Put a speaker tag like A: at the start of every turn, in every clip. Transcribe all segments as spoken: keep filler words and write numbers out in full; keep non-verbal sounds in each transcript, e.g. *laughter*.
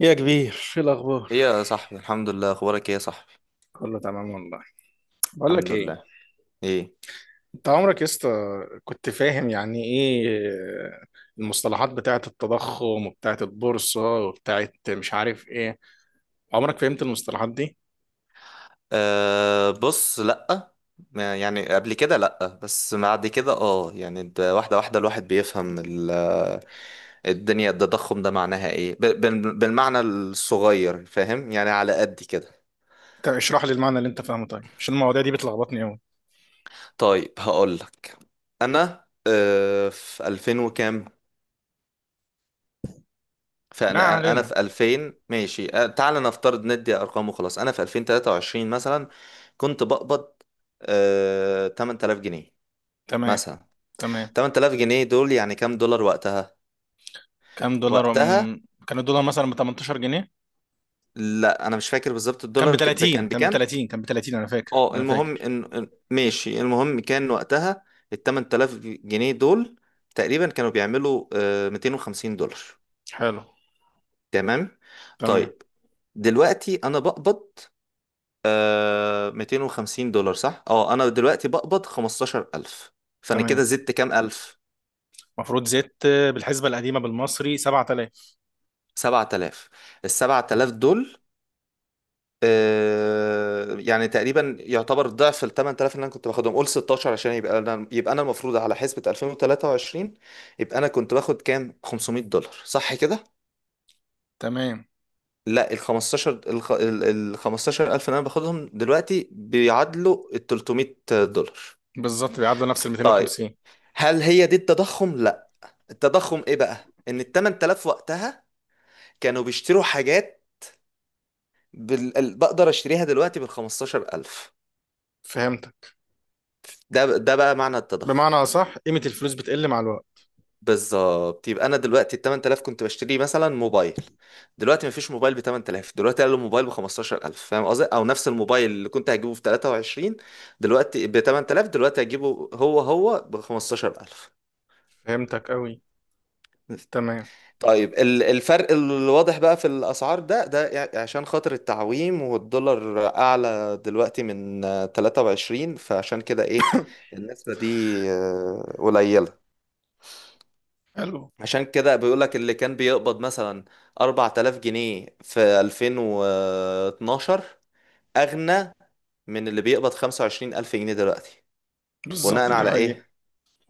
A: يا كبير، ايه الاخبار؟
B: ايه يا صاحبي، الحمد لله. اخبارك ايه يا صاحبي؟
A: كله تمام والله. بقول لك
B: الحمد
A: ايه.
B: لله. ايه؟
A: انت عمرك يا اسطى كنت فاهم يعني ايه المصطلحات بتاعه التضخم وبتاعه البورصه وبتاعه مش عارف ايه؟ عمرك فهمت المصطلحات دي؟
B: أه، بص، لأ. ما- يعني قبل كده لأ، بس بعد كده اه، يعني ده واحدة واحدة الواحد بيفهم ال- الدنيا. التضخم ده معناها ايه؟ ب- بال- بالمعنى الصغير، فاهم؟ يعني على قد كده.
A: انت اشرح لي المعنى اللي انت فاهمه، طيب، عشان المواضيع دي بتلخبطني قوي.
B: طيب، هقولك. انا أه في ألفين وكام،
A: ما
B: فانا انا
A: علينا.
B: في ألفين ماشي، أه، تعال نفترض ندي ارقام وخلاص. انا في ألفين وثلاثة وعشرين مثلا كنت بقبض آه تمنية آلاف جنيه
A: تمام.
B: مثلا.
A: تمام.
B: تمنية آلاف جنيه دول يعني كام دولار وقتها
A: كام دولار
B: وقتها
A: أم... كان الدولار مثلا ب تمنتاشر جنيه.
B: لا، انا مش فاكر بالظبط
A: كان ب
B: الدولار ك-
A: ثلاثين،
B: كان
A: كان ب
B: بكام.
A: ثلاثين، كان ب ثلاثين، انا فاكر،
B: اه،
A: انا
B: المهم
A: فاكر.
B: ان إن- ماشي، المهم كان وقتها ال تمنية آلاف جنيه دول تقريبا كانوا بيعملوا آه ميتين وخمسين دولار.
A: حلو.
B: تمام.
A: تمام.
B: طيب دلوقتي انا بقبض آه ميتين وخمسين دولار، صح؟ اه، انا دلوقتي بقبض خمستاشر ألف. فانا
A: تمام.
B: كده زدت كام الف؟
A: المفروض زدت بالحسبه القديمه بالمصري سبعة آلاف.
B: سبعة آلاف. ال سبعة آلاف دول آه يعني تقريبا يعتبر ضعف ال تمنية آلاف اللي انا كنت باخدهم. قول ستاشر عشان يبقى انا، يبقى انا المفروض على حسبة ألفين وثلاثة وعشرين يبقى انا كنت باخد كام؟ خمسمائة دولار، صح كده؟
A: تمام.
B: لا، ال خمستاشر الخ- ال ال خمستاشر ألف اللي انا باخدهم دلوقتي بيعادلوا ال تلتميت دولار.
A: بالظبط بيعادلوا نفس ال
B: طيب،
A: ميتين وخمسين.
B: هل هي دي التضخم؟ التضخم ايه بقى؟ ان ال ثمانية آلاف وقتها كانوا بيشتروا حاجات بال... ال- بقدر اشتريها دلوقتي بال خمستاشر ألف.
A: فهمتك.
B: ده ب- ده بقى معنى التضخم.
A: بمعنى أصح قيمة الفلوس بتقل مع الوقت.
B: بالظبط، يبقى انا دلوقتي ال ثمانية آلاف كنت بشتري مثلا موبايل، دلوقتي مفيش موبايل ب تمنية آلاف، دلوقتي قالوا موبايل ب خمستاشر ألف، فاهم قصدي؟ او نفس الموبايل اللي كنت هجيبه في تلاتة وعشرين دلوقتي ب ثمانية آلاف، دلوقتي هجيبه هو هو ب خمستاشر ألف.
A: فهمتك أوي. تمام.
B: طيب ال- الفرق الواضح بقى في الأسعار ده، ده يع- عشان خاطر التعويم والدولار أعلى دلوقتي من آه، تلاتة وعشرين، فعشان كده إيه؟ النسبة دي آه، قليلة.
A: حلو.
B: عشان كده بيقولك اللي كان بيقبض مثلا اربعتلاف جنيه في ألفين واتناشر أغنى من اللي بيقبض خمسة وعشرين ألف جنيه دلوقتي. بناء
A: بالظبط، دي
B: على
A: حقيقة.
B: إيه؟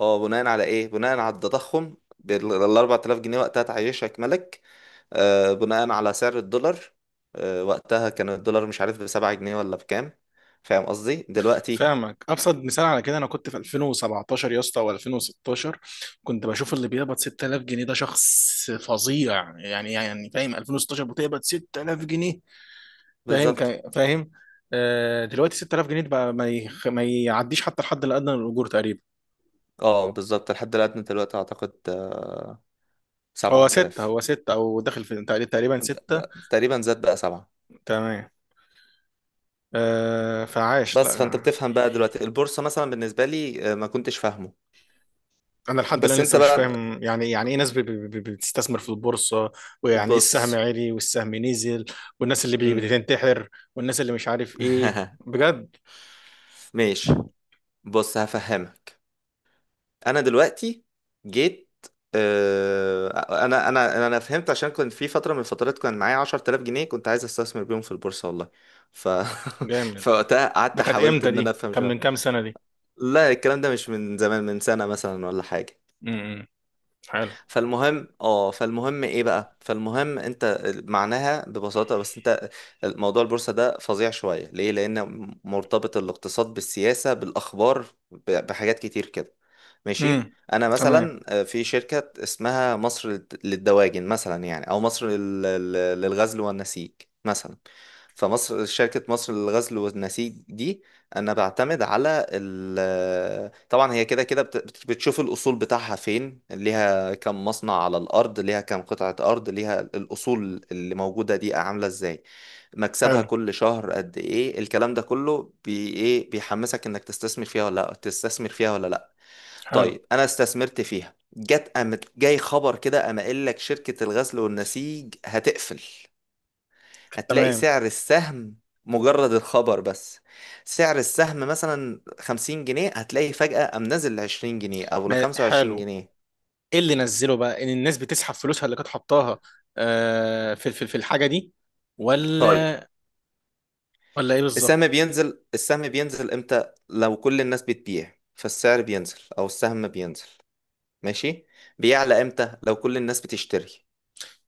B: اه، بناء على إيه؟ بناء على التضخم. بال- ال اربعة آلاف جنيه وقتها تعيشك ملك. آه، بناء على سعر الدولار. آه، وقتها كان الدولار مش عارف بسبعة جنيه ولا بكام، فاهم قصدي دلوقتي؟
A: فاهمك. أبسط مثال على كده أنا كنت في ألفين وسبعتاشر يا اسطى، أو ألفين وستاشر، كنت بشوف اللي بيقبض ستة آلاف جنيه ده شخص فظيع يعني. يعني يعني فاهم، ألفين وستاشر بتقبض ستة آلاف جنيه. فاهم
B: بالظبط.
A: كا- فاهم. آه، دلوقتي ستة آلاف جنيه ده بقى ما يخ- ما يعديش حتى الحد الأدنى للأجور تقريبا.
B: اه بالظبط، الحد الأدنى دلوقتي أعتقد آه،
A: هو
B: سبعة
A: ستة،
B: آلاف
A: هو ستة، أو داخل في، تقريبا
B: ب-
A: ستة.
B: ب- تقريبا زاد بقى سبعة.
A: تمام. آه، فعاش
B: بس فأنت
A: لا.
B: بتفهم بقى دلوقتي. البورصة مثلا بالنسبة لي آه، ما كنتش فاهمه.
A: انا لحد الان
B: بس أنت
A: لسه مش
B: بقى،
A: فاهم، يعني يعني ايه ناس بي- بي- بي- بتستثمر في البورصه؟ ويعني ايه السهم
B: بص.
A: عالي والسهم نزل؟ والناس اللي بي-
B: مم.
A: بتنتحر، والناس اللي مش عارف ايه
B: *laughs*
A: بجد.
B: ماشي، بص هفهمك. انا دلوقتي جيت، آه، انا انا انا فهمت عشان كنت في فتره من الفترات كان معايا عشرة آلاف جنيه كنت عايز استثمر بيهم في البورصه، والله. ف *laughs*
A: جامد.
B: فوقتها
A: ده
B: قعدت
A: كانت
B: حاولت
A: امتى
B: ان انا
A: دي؟
B: افهم
A: كان من
B: شويه.
A: كام سنه دي؟
B: لا، الكلام ده مش من زمان، من سنه مثلا ولا حاجه.
A: امم. حلو.
B: فالمهم اه فالمهم ايه بقى؟ فالمهم انت معناها ببساطه، بس انت موضوع البورصه ده فظيع شويه، ليه؟ لان مرتبط الاقتصاد بالسياسه بالاخبار ب- بحاجات كتير كده، ماشي.
A: امم.
B: انا
A: تمام.
B: مثلا آه، في شركة اسمها مصر للد- للدواجن مثلا يعني، او مصر لل- لل- للغزل والنسيج مثلا. فمصر، شركة مصر للغزل والنسيج دي، انا بعتمد على ال، طبعا هي كده كده بت- بت- بتشوف الاصول بتاعها فين، ليها كم مصنع على الارض، ليها كم قطعة ارض، ليها الاصول اللي موجودة دي عاملة ازاي، مكسبها
A: حلو.
B: كل شهر قد ايه. الكلام ده كله بي ايه؟ بيحمسك انك تستثمر فيها ولا لا تستثمر فيها ولا لا.
A: حلو.
B: طيب انا استثمرت فيها، جت قامت جاي خبر كده، قام قايل لك شركة الغزل والنسيج هتقفل. هتلاقي
A: تمام.
B: سعر السهم، مجرد الخبر بس، سعر السهم مثلا خمسين جنيه، هتلاقي فجأة قام نزل ل عشرين جنيه او ل
A: ما-
B: 25
A: حلو.
B: جنيه
A: ايه اللي نزله بقى؟ ان الناس بتسحب فلوسها اللي كانت حطاها، آه، في في في الحاجه دي؟
B: طيب،
A: ولا ولا ايه بالظبط؟
B: السهم بينزل. السهم بينزل امتى؟ لو كل الناس بتبيع فالسعر بينزل، او السهم بينزل، ماشي. بيعلى امتى؟ لو كل الناس بتشتري.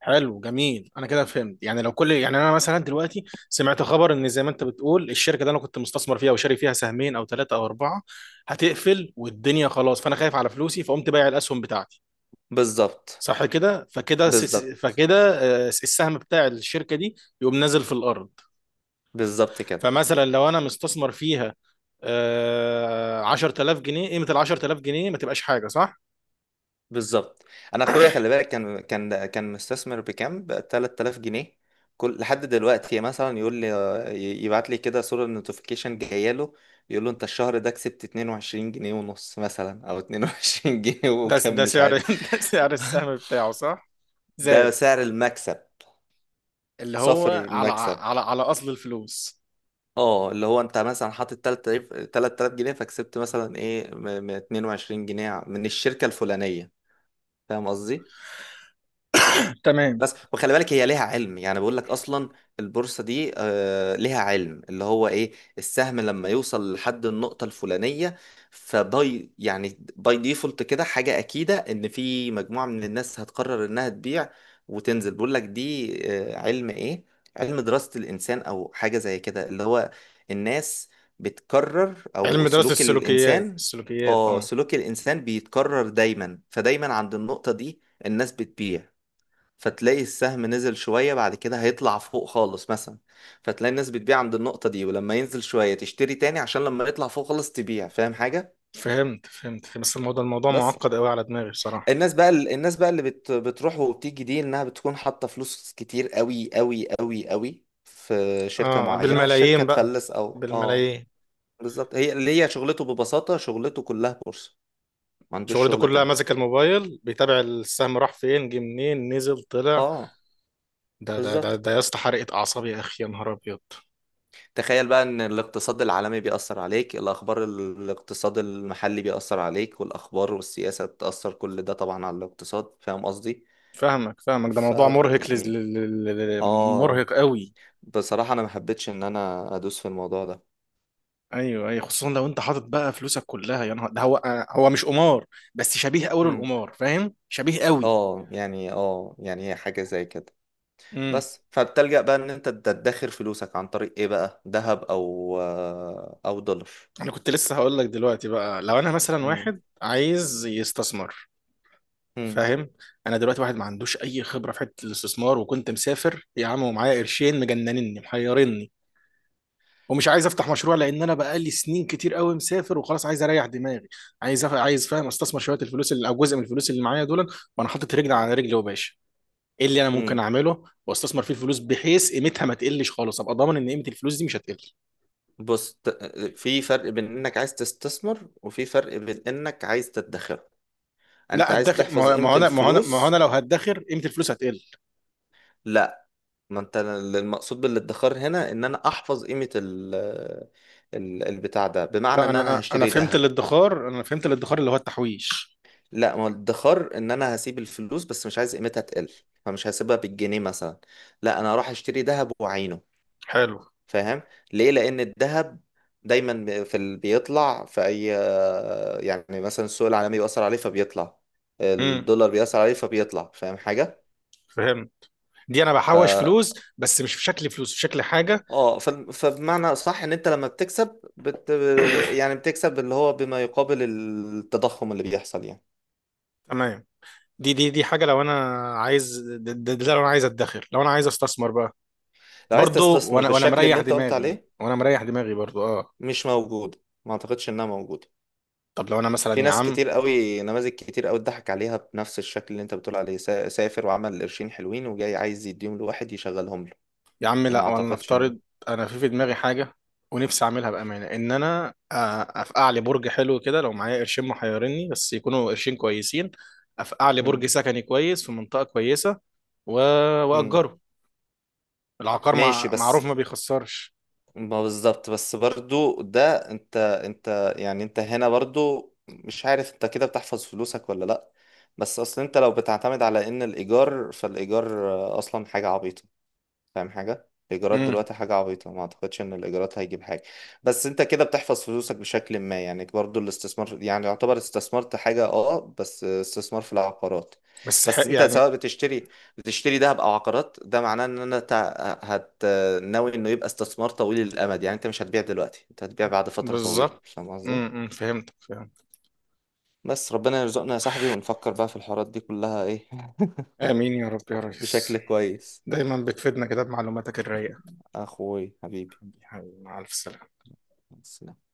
A: حلو، جميل. انا كده فهمت. يعني لو كل يعني انا مثلا دلوقتي سمعت خبر ان، زي ما انت بتقول، الشركه اللي انا كنت مستثمر فيها وشاري فيها سهمين او ثلاثه او اربعه هتقفل والدنيا خلاص، فانا خايف على فلوسي فقمت بايع الاسهم بتاعتي،
B: بالظبط،
A: صح كده؟ فكده س- س-
B: بالظبط،
A: فكده آه، السهم بتاع الشركه دي يقوم نازل في الارض.
B: بالظبط كده،
A: فمثلا لو انا مستثمر فيها آه، عشرة آلاف جنيه، قيمه ال عشرة آلاف جنيه ما تبقاش حاجه، صح؟
B: بالظبط. انا اخويا خلي بالك كان كان كان مستثمر بكام، ب تلتالاف جنيه. كل لحد دلوقتي مثلا يقول لي، يبعت لي كده صورة نوتيفيكيشن جايه له، يقول له انت الشهر ده كسبت اتنين وعشرين جنيه ونص مثلا، او اتنين وعشرين *laughs* جنيه
A: ده
B: وكم
A: ده
B: مش
A: سعر
B: عارف.
A: *laughs* ده سعر السهم
B: *laughs*
A: بتاعه، صح؟
B: ده
A: زاد.
B: سعر المكسب،
A: اللي
B: صافر
A: هو على
B: المكسب.
A: على على اصل الفلوس.
B: اه، اللي هو انت مثلا حاطط تلاتة آلاف تلاتة آلاف جنيه، فكسبت مثلا ايه، م- م- اتنين وعشرين جنيه من الشركة الفلانية، فاهم قصدي؟
A: تمام.
B: بس وخلي بالك، هي ليها علم، يعني بقول لك اصلا البورصه دي آه ليها علم، اللي هو ايه؟ السهم لما يوصل لحد النقطه الفلانيه، فباي، يعني باي ديفولت كده، حاجه اكيده ان في مجموعه من الناس هتقرر انها تبيع وتنزل. بقول لك دي آه علم ايه؟ علم دراسه الانسان او حاجه زي كده، اللي هو الناس بتكرر، او
A: علم دراسة
B: سلوك
A: السلوكيات،
B: الانسان.
A: السلوكيات،
B: اه،
A: اه.
B: سلوك الانسان بيتكرر دايما، فدايما عند النقطه دي الناس بتبيع، فتلاقي السهم نزل شوية، بعد كده هيطلع فوق خالص مثلا، فتلاقي الناس بتبيع عند النقطة دي، ولما ينزل شوية تشتري تاني عشان لما يطلع فوق خالص تبيع، فاهم حاجة؟
A: فهمت، فهمت. بس الموضوع الموضوع
B: بس
A: معقد قوي على دماغي بصراحة.
B: الناس بقى، الناس بقى اللي بت... بتروح وبتيجي دي، انها بتكون حاطة فلوس كتير قوي قوي قوي قوي في شركة
A: اه،
B: معينة والشركة
A: بالملايين بقى.
B: تفلس او اه.
A: بالملايين.
B: بالظبط، هي اللي هي شغلته، ببساطة شغلته كلها بورصة، ما عندوش
A: شغلته
B: شغلة
A: كلها
B: تانية.
A: ماسك الموبايل بيتابع السهم، راح فين، جه منين، نزل، طلع.
B: اه
A: ده ده ده
B: بالظبط.
A: ده يا اسطى حرقة أعصاب يا أخي، يا نهار أبيض.
B: تخيل بقى ان الاقتصاد العالمي بيأثر عليك، الاخبار، الاقتصاد المحلي بيأثر عليك، والاخبار والسياسة تأثر كل ده طبعا على الاقتصاد، فاهم قصدي؟
A: فاهمك، فاهمك، ده
B: ف
A: موضوع مرهق لز... ل...
B: يعني،
A: ل... ل... ل-
B: اه
A: مرهق قوي.
B: بصراحة انا ما حبيتش ان انا ادوس في الموضوع ده.
A: ايوه، ايوه، خصوصا لو انت حاطط بقى فلوسك كلها، يا نهار ده هو. هو مش قمار، بس شبيه قوي
B: مم.
A: للقمار، فاهم؟ شبيه قوي.
B: اه يعني، اه يعني هي حاجة زي كده.
A: امم.
B: بس فبتلجأ بقى ان انت تدخر فلوسك عن طريق ايه بقى؟ ذهب، او آه، او دولار.
A: انا كنت لسه هقول لك دلوقتي، بقى لو انا مثلا
B: مم.
A: واحد عايز يستثمر،
B: مم.
A: فاهم؟ انا دلوقتي واحد ما عندوش اي خبره في حته الاستثمار، وكنت مسافر يا عم ومعايا قرشين مجننني محيرني، ومش عايز افتح مشروع لان انا بقالي سنين كتير قوي مسافر وخلاص عايز اريح دماغي. عايز أف... عايز، فاهم، استثمر شويه الفلوس اللي، او جزء من الفلوس اللي معايا دول، وانا حاطط رجل على رجل وباشا. ايه اللي انا ممكن
B: مم.
A: اعمله واستثمر فيه الفلوس بحيث قيمتها ما تقلش خالص، ابقى ضامن ان قيمه الفلوس دي مش هتقل؟
B: بص، ت- في فرق بين انك عايز تستثمر وفي فرق بين انك عايز تدخر.
A: لا،
B: انت عايز
A: ادخر. ما
B: تحفظ
A: هو ما
B: قيمة
A: هو انا ما هو انا ما هو انا
B: الفلوس.
A: لو هدخر قيمه الفلوس هتقل.
B: لا، ما انت المقصود بالادخار هنا ان انا احفظ قيمة ال ال- البتاع ده، بمعنى
A: لا،
B: ان انا
A: انا انا
B: هشتري
A: فهمت
B: ذهب.
A: الادخار، انا فهمت الادخار اللي هو التحويش.
B: لا، ما هو الادخار ان انا هسيب الفلوس بس مش عايز قيمتها تقل، فمش هسيبها بالجنيه مثلا، لا انا هروح اشتري ذهب واعينه،
A: حلو.
B: فاهم؟ ليه؟ لان الذهب دايما بي- في ال... بيطلع في اي، يعني مثلا السوق العالمي بيأثر عليه فبيطلع،
A: امم،
B: الدولار بيأثر عليه فبيطلع، فاهم حاجة؟
A: فهمت. دي انا
B: ف
A: بحوش فلوس، بس مش في شكل فلوس، في شكل حاجه.
B: اه ف... فبمعنى صح ان انت لما بتكسب بت... يعني بتكسب اللي هو بما يقابل التضخم اللي بيحصل يعني.
A: تمام. دي دي دي حاجه، لو انا عايز، ده, ده, ده لو انا عايز ادخر، لو انا عايز استثمر بقى.
B: لو عايز
A: برضو،
B: تستثمر
A: وانا وانا
B: بالشكل اللي
A: مريح
B: انت قلت
A: دماغي،
B: عليه
A: وانا مريح دماغي برضو، اه.
B: مش موجود، ما اعتقدش انها موجودة.
A: طب لو انا مثلا
B: في
A: يا
B: ناس
A: عم،
B: كتير قوي، نماذج كتير قوي اتضحك عليها بنفس الشكل اللي انت بتقول عليه، سا- سافر وعمل قرشين حلوين وجاي عايز يديهم لواحد يشغلهم له،
A: يا عم
B: ما
A: لا، ولا
B: اعتقدش انه.
A: نفترض انا في في دماغي حاجه، ونفسي اعملها بامانه، ان انا أ- افقع لي برج حلو كده، لو معايا قرشين محيرني بس يكونوا قرشين كويسين. افقع لي
B: مم.
A: برج سكني كويس في منطقه كويسه و...
B: مم.
A: واجره. العقار
B: ماشي
A: مع... معروف
B: بس،
A: ما بيخسرش.
B: ما بالظبط. بس برضو ده انت، انت يعني انت هنا برضو مش عارف انت كده بتحفظ فلوسك ولا لا. بس اصل انت لو بتعتمد على ان الايجار، فالايجار آه، اصلا حاجة عبيطة، فاهم حاجة؟ الإيجارات
A: امم.
B: دلوقتي حاجة عبيطة، ما أعتقدش إن الإيجارات هيجيب حاجة. بس أنت كده بتحفظ فلوسك بشكل ما، يعني برضو الاستثمار، يعني يعتبر استثمرت حاجة أه، بس استثمار في العقارات.
A: بس ح...
B: بس أنت
A: يعني.
B: سواء بتشتري بتشتري دهب أو عقارات، ده معناه إن أنا تع- هت ناوي إنه يبقى استثمار طويل الأمد، يعني أنت مش هتبيع دلوقتي، أنت هتبيع بعد فترة طويلة،
A: بالظبط.
B: فاهم قصدي؟
A: امم، فهمت، فهمت.
B: بس ربنا يرزقنا يا صاحبي، ونفكر بقى في الحوارات دي كلها إيه. *laughs*
A: امين يا رب يا ريس.
B: بشكل كويس.
A: دايما بتفيدنا كده بمعلوماتك الرايقه.
B: أخوي حبيبي.
A: مع الف سلامه.
B: سلام.